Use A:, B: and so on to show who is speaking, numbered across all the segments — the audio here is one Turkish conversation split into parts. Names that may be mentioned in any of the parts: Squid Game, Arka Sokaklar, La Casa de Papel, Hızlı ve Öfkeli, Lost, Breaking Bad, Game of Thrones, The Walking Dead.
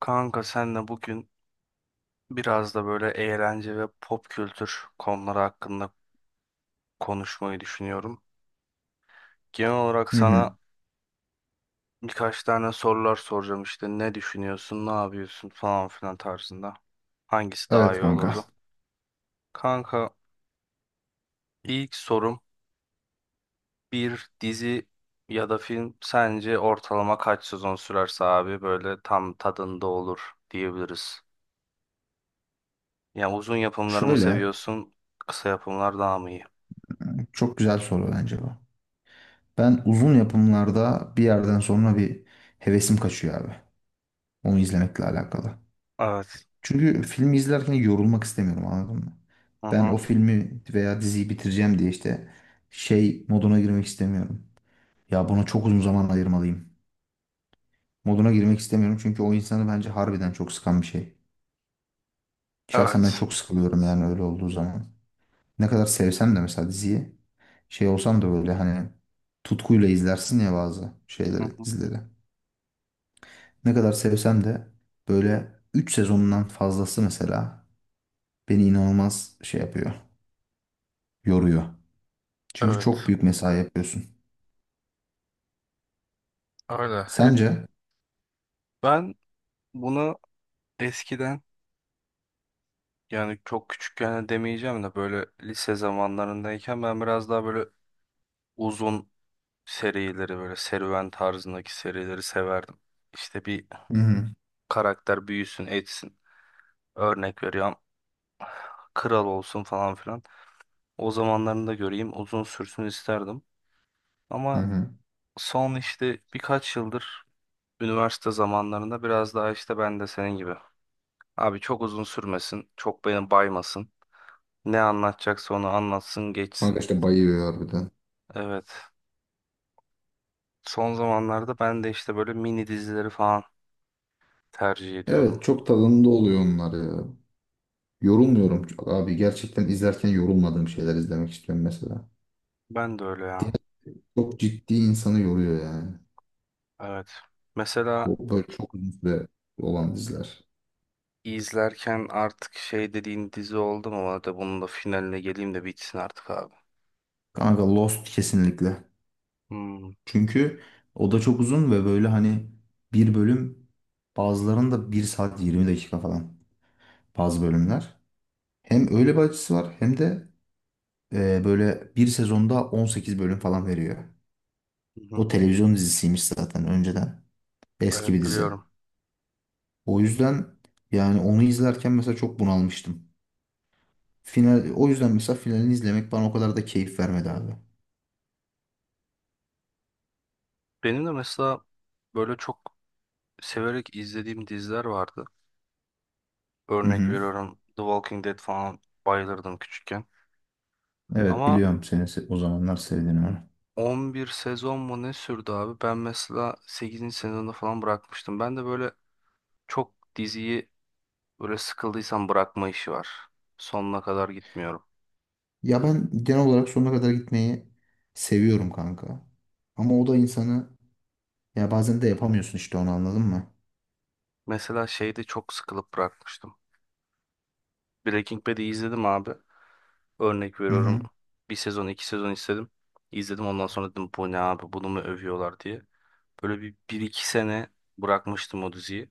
A: Kanka senle bugün biraz da böyle eğlence ve pop kültür konuları hakkında konuşmayı düşünüyorum. Genel olarak
B: Hı hı.
A: sana birkaç tane sorular soracağım işte ne düşünüyorsun, ne yapıyorsun falan filan tarzında. Hangisi daha
B: Evet
A: iyi
B: kanka.
A: olurdu? Kanka ilk sorum bir dizi ya da film sence ortalama kaç sezon sürerse abi böyle tam tadında olur diyebiliriz. Yani uzun yapımları mı
B: Şöyle
A: seviyorsun, kısa yapımlar daha mı iyi?
B: çok güzel soru bence bu. Ben uzun yapımlarda bir yerden sonra bir hevesim kaçıyor abi. Onu izlemekle alakalı.
A: Evet.
B: Çünkü filmi izlerken yorulmak istemiyorum, anladın mı?
A: Hı
B: Ben
A: hı.
B: o filmi veya diziyi bitireceğim diye işte şey moduna girmek istemiyorum. Ya buna çok uzun zaman ayırmalıyım. Moduna girmek istemiyorum, çünkü o insanı bence harbiden çok sıkan bir şey. Şahsen ben
A: Evet.
B: çok sıkılıyorum yani öyle olduğu zaman. Ne kadar sevsem de mesela diziyi, şey olsam da böyle hani tutkuyla izlersin ya bazı
A: Hı
B: şeyleri,
A: hı.
B: dizileri. Ne kadar sevsem de böyle 3 sezondan fazlası mesela beni inanılmaz şey yapıyor, yoruyor. Çünkü çok
A: Evet,
B: büyük mesai yapıyorsun.
A: öyle. Hep
B: Sence?
A: ben bunu eskiden yani çok küçükken de demeyeceğim de böyle lise zamanlarındayken ben biraz daha böyle uzun serileri böyle serüven tarzındaki serileri severdim. İşte bir
B: Hı hı.
A: karakter büyüsün etsin. Örnek veriyorum kral olsun falan filan. O zamanlarını da göreyim uzun sürsün isterdim.
B: Hı
A: Ama
B: hı.
A: son işte birkaç yıldır üniversite zamanlarında biraz daha işte ben de senin gibi. Abi çok uzun sürmesin. Çok beni baymasın. Ne anlatacaksa onu anlatsın
B: Kanka
A: geçsin.
B: işte bayıyor harbiden.
A: Evet. Son zamanlarda ben de işte böyle mini dizileri falan tercih
B: Evet,
A: ediyorum.
B: çok tadında oluyor onlar ya. Yorulmuyorum çok abi. Gerçekten izlerken yorulmadığım şeyler izlemek istiyorum mesela.
A: Ben de öyle ya.
B: Diğer çok ciddi, insanı yoruyor yani.
A: Evet. Mesela
B: Bu böyle çok uzun süre olan diziler.
A: izlerken artık şey dediğin dizi oldu mu? Hadi bunun da finaline geleyim de bitsin artık abi.
B: Kanka, Lost kesinlikle.
A: Hmm.
B: Çünkü o da çok uzun ve böyle hani bir bölüm, bazılarında 1 saat 20 dakika falan bazı bölümler. Hem öyle bir açısı var, hem de böyle bir sezonda 18 bölüm falan veriyor.
A: Hı
B: O
A: hı.
B: televizyon dizisiymiş zaten önceden. Eski bir
A: Evet
B: dizi.
A: biliyorum.
B: O yüzden yani onu izlerken mesela çok bunalmıştım. Final, o yüzden mesela finalini izlemek bana o kadar da keyif vermedi abi.
A: Benim de mesela böyle çok severek izlediğim diziler vardı.
B: Hı
A: Örnek
B: hı.
A: veriyorum, The Walking Dead falan bayılırdım küçükken.
B: Evet,
A: Ama
B: biliyorum o zamanlar sevdiğini, onu.
A: 11 sezon mu ne sürdü abi? Ben mesela 8. sezonda falan bırakmıştım. Ben de böyle çok diziyi böyle sıkıldıysam bırakma işi var. Sonuna kadar gitmiyorum.
B: Ya ben genel olarak sonuna kadar gitmeyi seviyorum kanka. Ama o da insanı, ya bazen de yapamıyorsun işte onu, anladın mı?
A: Mesela şeyde çok sıkılıp bırakmıştım. Breaking Bad'i izledim abi. Örnek
B: Hı
A: veriyorum.
B: hı.
A: Bir sezon, iki sezon istedim. İzledim, ondan sonra dedim bu ne abi, bunu mu övüyorlar diye. Böyle bir, bir iki sene bırakmıştım o diziyi.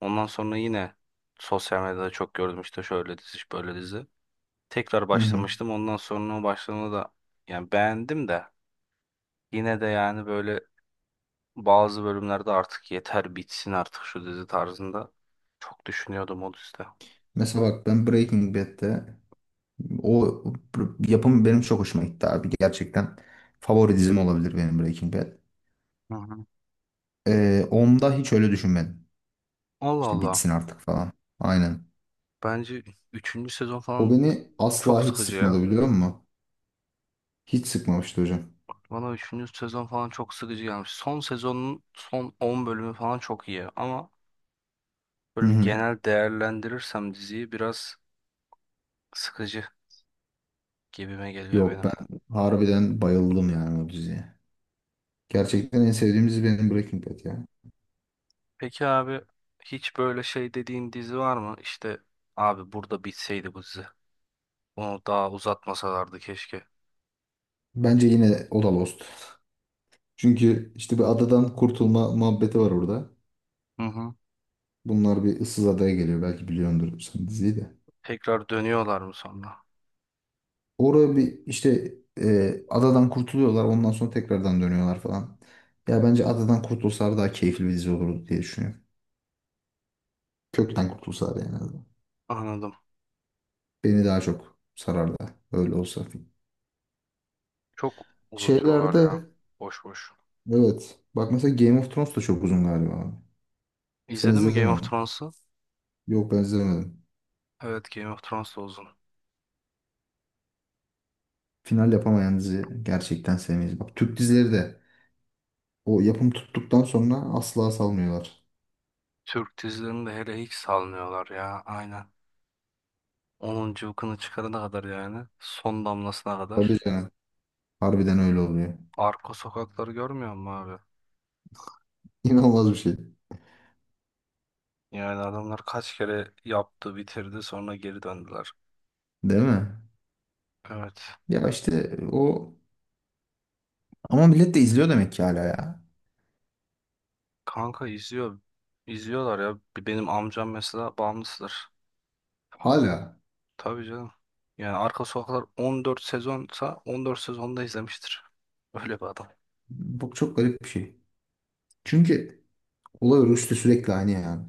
A: Ondan sonra yine sosyal medyada çok gördüm işte şöyle dizi, böyle dizi. Tekrar
B: Hı hı.
A: başlamıştım. Ondan sonra o başlamada da yani beğendim de yine de yani böyle bazı bölümlerde artık yeter bitsin artık şu dizi tarzında çok düşünüyordum o dizide.
B: Mesela bak, ben Breaking Bad'de o yapım benim çok hoşuma gitti abi. Gerçekten favori dizim olabilir benim, Breaking Bad.
A: Hı hı.
B: Onda hiç öyle düşünmedim.
A: Allah
B: İşte bitsin
A: Allah.
B: artık falan. Aynen.
A: Bence üçüncü sezon
B: O
A: falan
B: beni asla
A: çok
B: hiç
A: sıkıcı ya.
B: sıkmadı, biliyor musun? Hiç sıkmamıştı hocam.
A: Bana üçüncü sezon falan çok sıkıcı gelmiş. Son sezonun son 10 bölümü falan çok iyi ama
B: Hı
A: böyle bir
B: hı.
A: genel değerlendirirsem diziyi biraz sıkıcı gibime geliyor
B: Yok,
A: benim.
B: ben harbiden bayıldım yani o diziye. Gerçekten en sevdiğim dizi benim, Breaking Bad ya.
A: Peki abi hiç böyle şey dediğin dizi var mı? İşte abi burada bitseydi bu dizi. Bunu daha uzatmasalardı keşke.
B: Bence yine o da Lost. Çünkü işte bir adadan kurtulma muhabbeti var orada.
A: Hı hı.
B: Bunlar bir ıssız adaya geliyor. Belki biliyordur sen diziyi de.
A: Tekrar dönüyorlar mı sonra?
B: Orada bir işte adadan kurtuluyorlar. Ondan sonra tekrardan dönüyorlar falan. Ya bence adadan kurtulsalar daha keyifli bir dizi olurdu diye düşünüyorum. Kökten kurtulsalar yani en azından.
A: Anladım.
B: Beni daha çok sarardı, öyle olsa.
A: Çok unutuyorlar ya.
B: Şeylerde
A: Boş boş.
B: Evet. Bak mesela, Game of Thrones da çok uzun galiba abi. Sen
A: İzledin mi Game
B: izledin
A: of
B: onu.
A: Thrones'u?
B: Yok, ben izlemedim.
A: Evet, Game of Thrones da uzun.
B: Final yapamayan dizi gerçekten sevmeyiz. Bak, Türk dizileri de o yapım tuttuktan sonra asla salmıyorlar.
A: Türk dizilerini de hele hiç salmıyorlar ya. Aynen. Onun cıvkını çıkarana kadar yani. Son damlasına
B: Tabii
A: kadar.
B: canım. Harbiden öyle oluyor.
A: Arka sokakları görmüyor musun abi?
B: İnanılmaz bir şey.
A: Yani adamlar kaç kere yaptı bitirdi sonra geri döndüler.
B: Değil mi?
A: Evet.
B: Ya işte o, ama millet de izliyor demek ki hala ya.
A: Kanka izliyor. İzliyorlar ya. Benim amcam mesela bağımlısıdır.
B: Hala.
A: Tabii canım. Yani Arka Sokaklar 14 sezonsa 14 sezonda izlemiştir. Öyle bir adam.
B: Bak, çok garip bir şey. Çünkü olay örgüsü de sürekli aynı yani.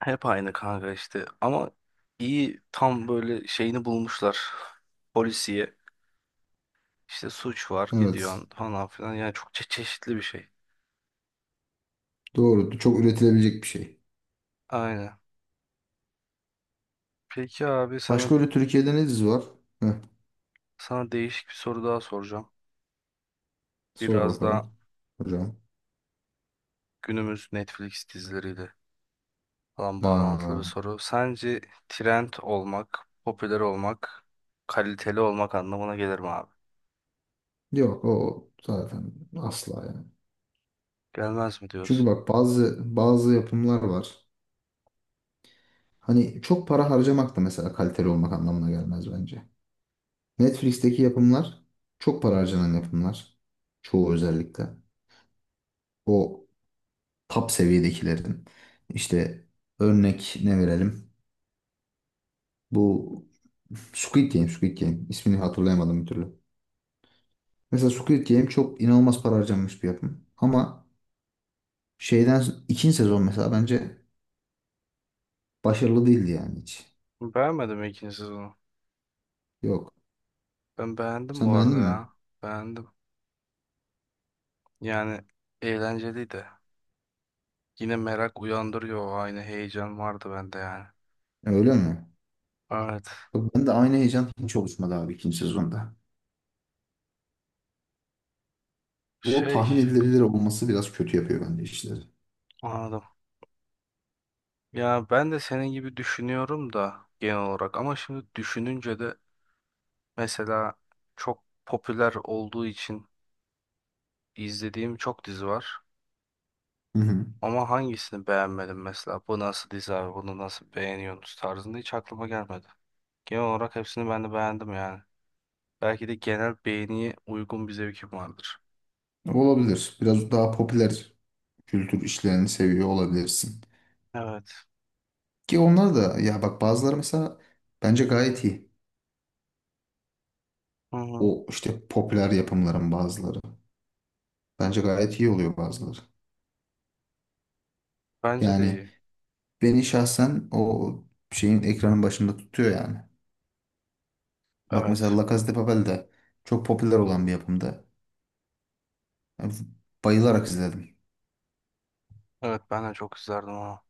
A: Hep aynı kanka işte. Ama iyi, tam böyle şeyini bulmuşlar. Polisiye. İşte suç var,
B: Evet.
A: gidiyorsun falan filan. Yani çok çeşitli bir şey.
B: Doğru. Çok üretilebilecek bir şey.
A: Aynen. Peki abi sana
B: Başka öyle Türkiye'de ne dizi var?
A: sana değişik bir soru daha soracağım.
B: Sor
A: Biraz daha
B: bakalım hocam.
A: günümüz Netflix dizileriyle falan bağlantılı
B: Aa,
A: bir soru. Sence trend olmak, popüler olmak, kaliteli olmak anlamına gelir mi abi?
B: yok o zaten asla yani.
A: Gelmez mi
B: Çünkü
A: diyorsun?
B: bak, bazı yapımlar var. Hani çok para harcamak da mesela kaliteli olmak anlamına gelmez bence. Netflix'teki yapımlar çok para harcanan yapımlar. Çoğu özellikle. O top seviyedekilerin. İşte örnek ne verelim? Bu Squid Game. İsmini hatırlayamadım bir türlü. Mesela Squid Game çok inanılmaz para harcanmış bir yapım. Ama şeyden, ikinci sezon mesela bence başarılı değildi yani hiç.
A: Beğenmedim ikinci sezonu.
B: Yok.
A: Ben beğendim bu
B: Sen beğendin
A: arada
B: mi?
A: ya. Beğendim. Yani eğlenceliydi. Yine merak uyandırıyor. Aynı heyecan vardı bende yani.
B: Öyle mi?
A: Evet.
B: Bak, ben de aynı heyecan hiç oluşmadı abi ikinci sezonda. O
A: Şey
B: tahmin edilebilir olması biraz kötü yapıyor bence işleri.
A: Anladım. Ya ben de senin gibi düşünüyorum da genel olarak. Ama şimdi düşününce de mesela çok popüler olduğu için izlediğim çok dizi var.
B: Hı hı.
A: Ama hangisini beğenmedim mesela? Bu nasıl dizi abi? Bunu nasıl beğeniyorsunuz tarzında hiç aklıma gelmedi. Genel olarak hepsini ben de beğendim yani. Belki de genel beğeniye uygun bir zevkim vardır.
B: Olabilir. Biraz daha popüler kültür işlerini seviyor olabilirsin.
A: Evet.
B: Ki onlar da, ya bak, bazıları mesela bence gayet iyi.
A: Hı hı.
B: O işte popüler yapımların bazıları. Bence gayet iyi oluyor bazıları.
A: Bence de
B: Yani
A: iyi.
B: beni şahsen o şeyin, ekranın başında tutuyor yani. Bak
A: Evet.
B: mesela, La Casa de Papel de çok popüler olan bir yapımdı. Yani bayılarak izledim.
A: Evet, ben de çok izlerdim onu.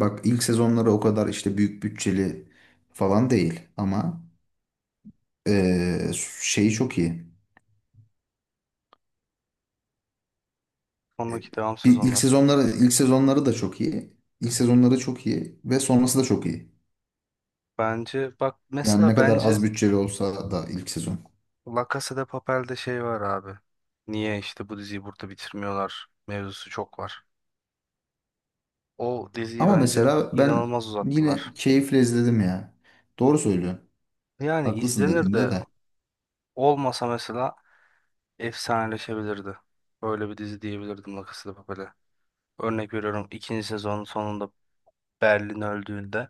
B: Bak, ilk sezonları o kadar işte büyük bütçeli falan değil ama eee, şeyi çok iyi. E,
A: Sonraki devam
B: Bir ilk
A: sezonları.
B: sezonları ilk sezonları da çok iyi. İlk sezonları çok iyi ve sonrası da çok iyi.
A: Bence bak
B: Yani ne
A: mesela,
B: kadar az
A: bence
B: bütçeli olsa da ilk sezon.
A: La Casa de Papel'de şey var abi. Niye işte bu diziyi burada bitirmiyorlar mevzusu çok var. O diziyi
B: Ama
A: bence
B: mesela ben
A: inanılmaz uzattılar.
B: yine keyifle izledim ya. Doğru söylüyorsun.
A: Yani
B: Haklısın
A: izlenir
B: dediğinde
A: de
B: de.
A: olmasa mesela efsaneleşebilirdi. Böyle bir dizi diyebilirdim La Casa de Papel'e. Örnek veriyorum, ikinci sezonun sonunda Berlin öldüğünde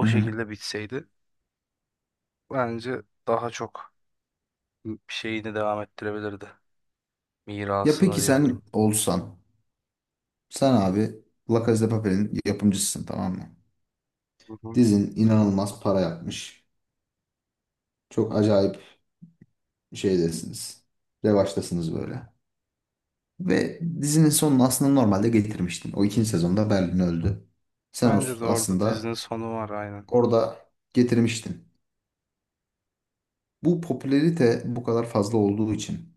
B: Hı hı.
A: şekilde bitseydi bence daha çok bir şeyini devam ettirebilirdi.
B: Ya
A: Mirasını
B: peki sen
A: diyebilirim.
B: olsan Sen abi, La Casa de Papel'in yapımcısısın, tamam mı?
A: Hı hı.
B: Dizin inanılmaz para yapmış. Çok acayip şeydesiniz. Revaçtasınız böyle. Ve dizinin sonunu aslında normalde getirmiştin. O ikinci sezonda Berlin öldü. Sen
A: Bence de orada dizinin
B: aslında
A: sonu var, aynen.
B: orada getirmiştin. Bu popülerite bu kadar fazla olduğu için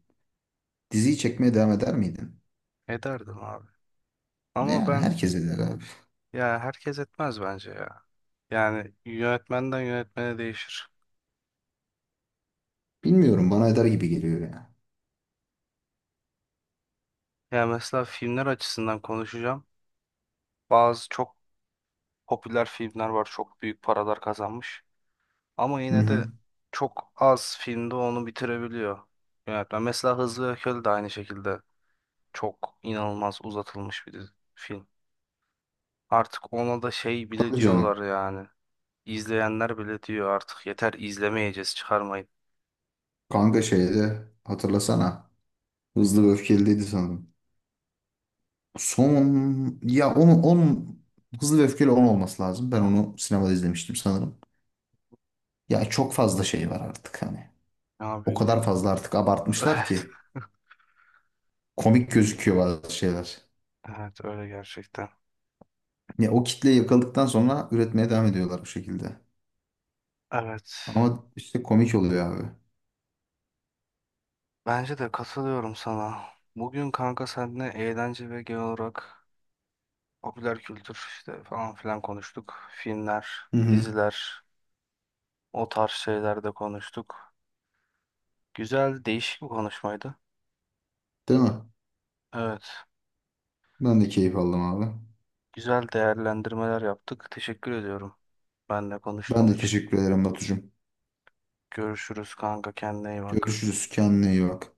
B: diziyi çekmeye devam eder miydin?
A: Ederdim abi. Ama
B: Yani
A: ben
B: herkes eder abi.
A: ya, herkes etmez bence ya. Yani yönetmenden yönetmene değişir.
B: Bilmiyorum, bana eder gibi geliyor ya.
A: Ya mesela filmler açısından konuşacağım. Bazı çok popüler filmler var, çok büyük paralar kazanmış. Ama
B: Hı
A: yine de
B: hı.
A: çok az filmde onu bitirebiliyor yönetmen. Mesela Hızlı ve Öfkeli de aynı şekilde çok inanılmaz uzatılmış bir film. Artık ona da şey bile
B: Tabii canım.
A: diyorlar yani. İzleyenler bile diyor artık yeter, izlemeyeceğiz, çıkarmayın.
B: Kanka, şeyde hatırlasana. Hızlı ve Öfkeli'ydi sanırım. Son, ya onun Hızlı ve Öfkeli 10 olması lazım. Ben onu sinemada izlemiştim sanırım. Ya çok fazla şey var artık hani.
A: Abi
B: O
A: ünlü...
B: kadar fazla artık abartmışlar
A: Evet.
B: ki komik gözüküyor bazı şeyler.
A: Evet öyle gerçekten.
B: Ya o kitleyi yakaladıktan sonra üretmeye devam ediyorlar bu şekilde.
A: Evet.
B: Ama işte komik oluyor abi.
A: Bence de katılıyorum sana. Bugün kanka seninle eğlence ve genel olarak popüler kültür işte falan filan konuştuk. Filmler,
B: Hı hı.
A: diziler, o tarz şeyler de konuştuk. Güzel, değişik bir konuşmaydı.
B: Değil mi?
A: Evet,
B: Ben de keyif aldım abi.
A: güzel değerlendirmeler yaptık. Teşekkür ediyorum benle
B: Ben
A: konuştuğun
B: de
A: için.
B: teşekkür ederim Batucuğum.
A: Görüşürüz kanka, kendine iyi bak.
B: Görüşürüz. Kendine iyi bak.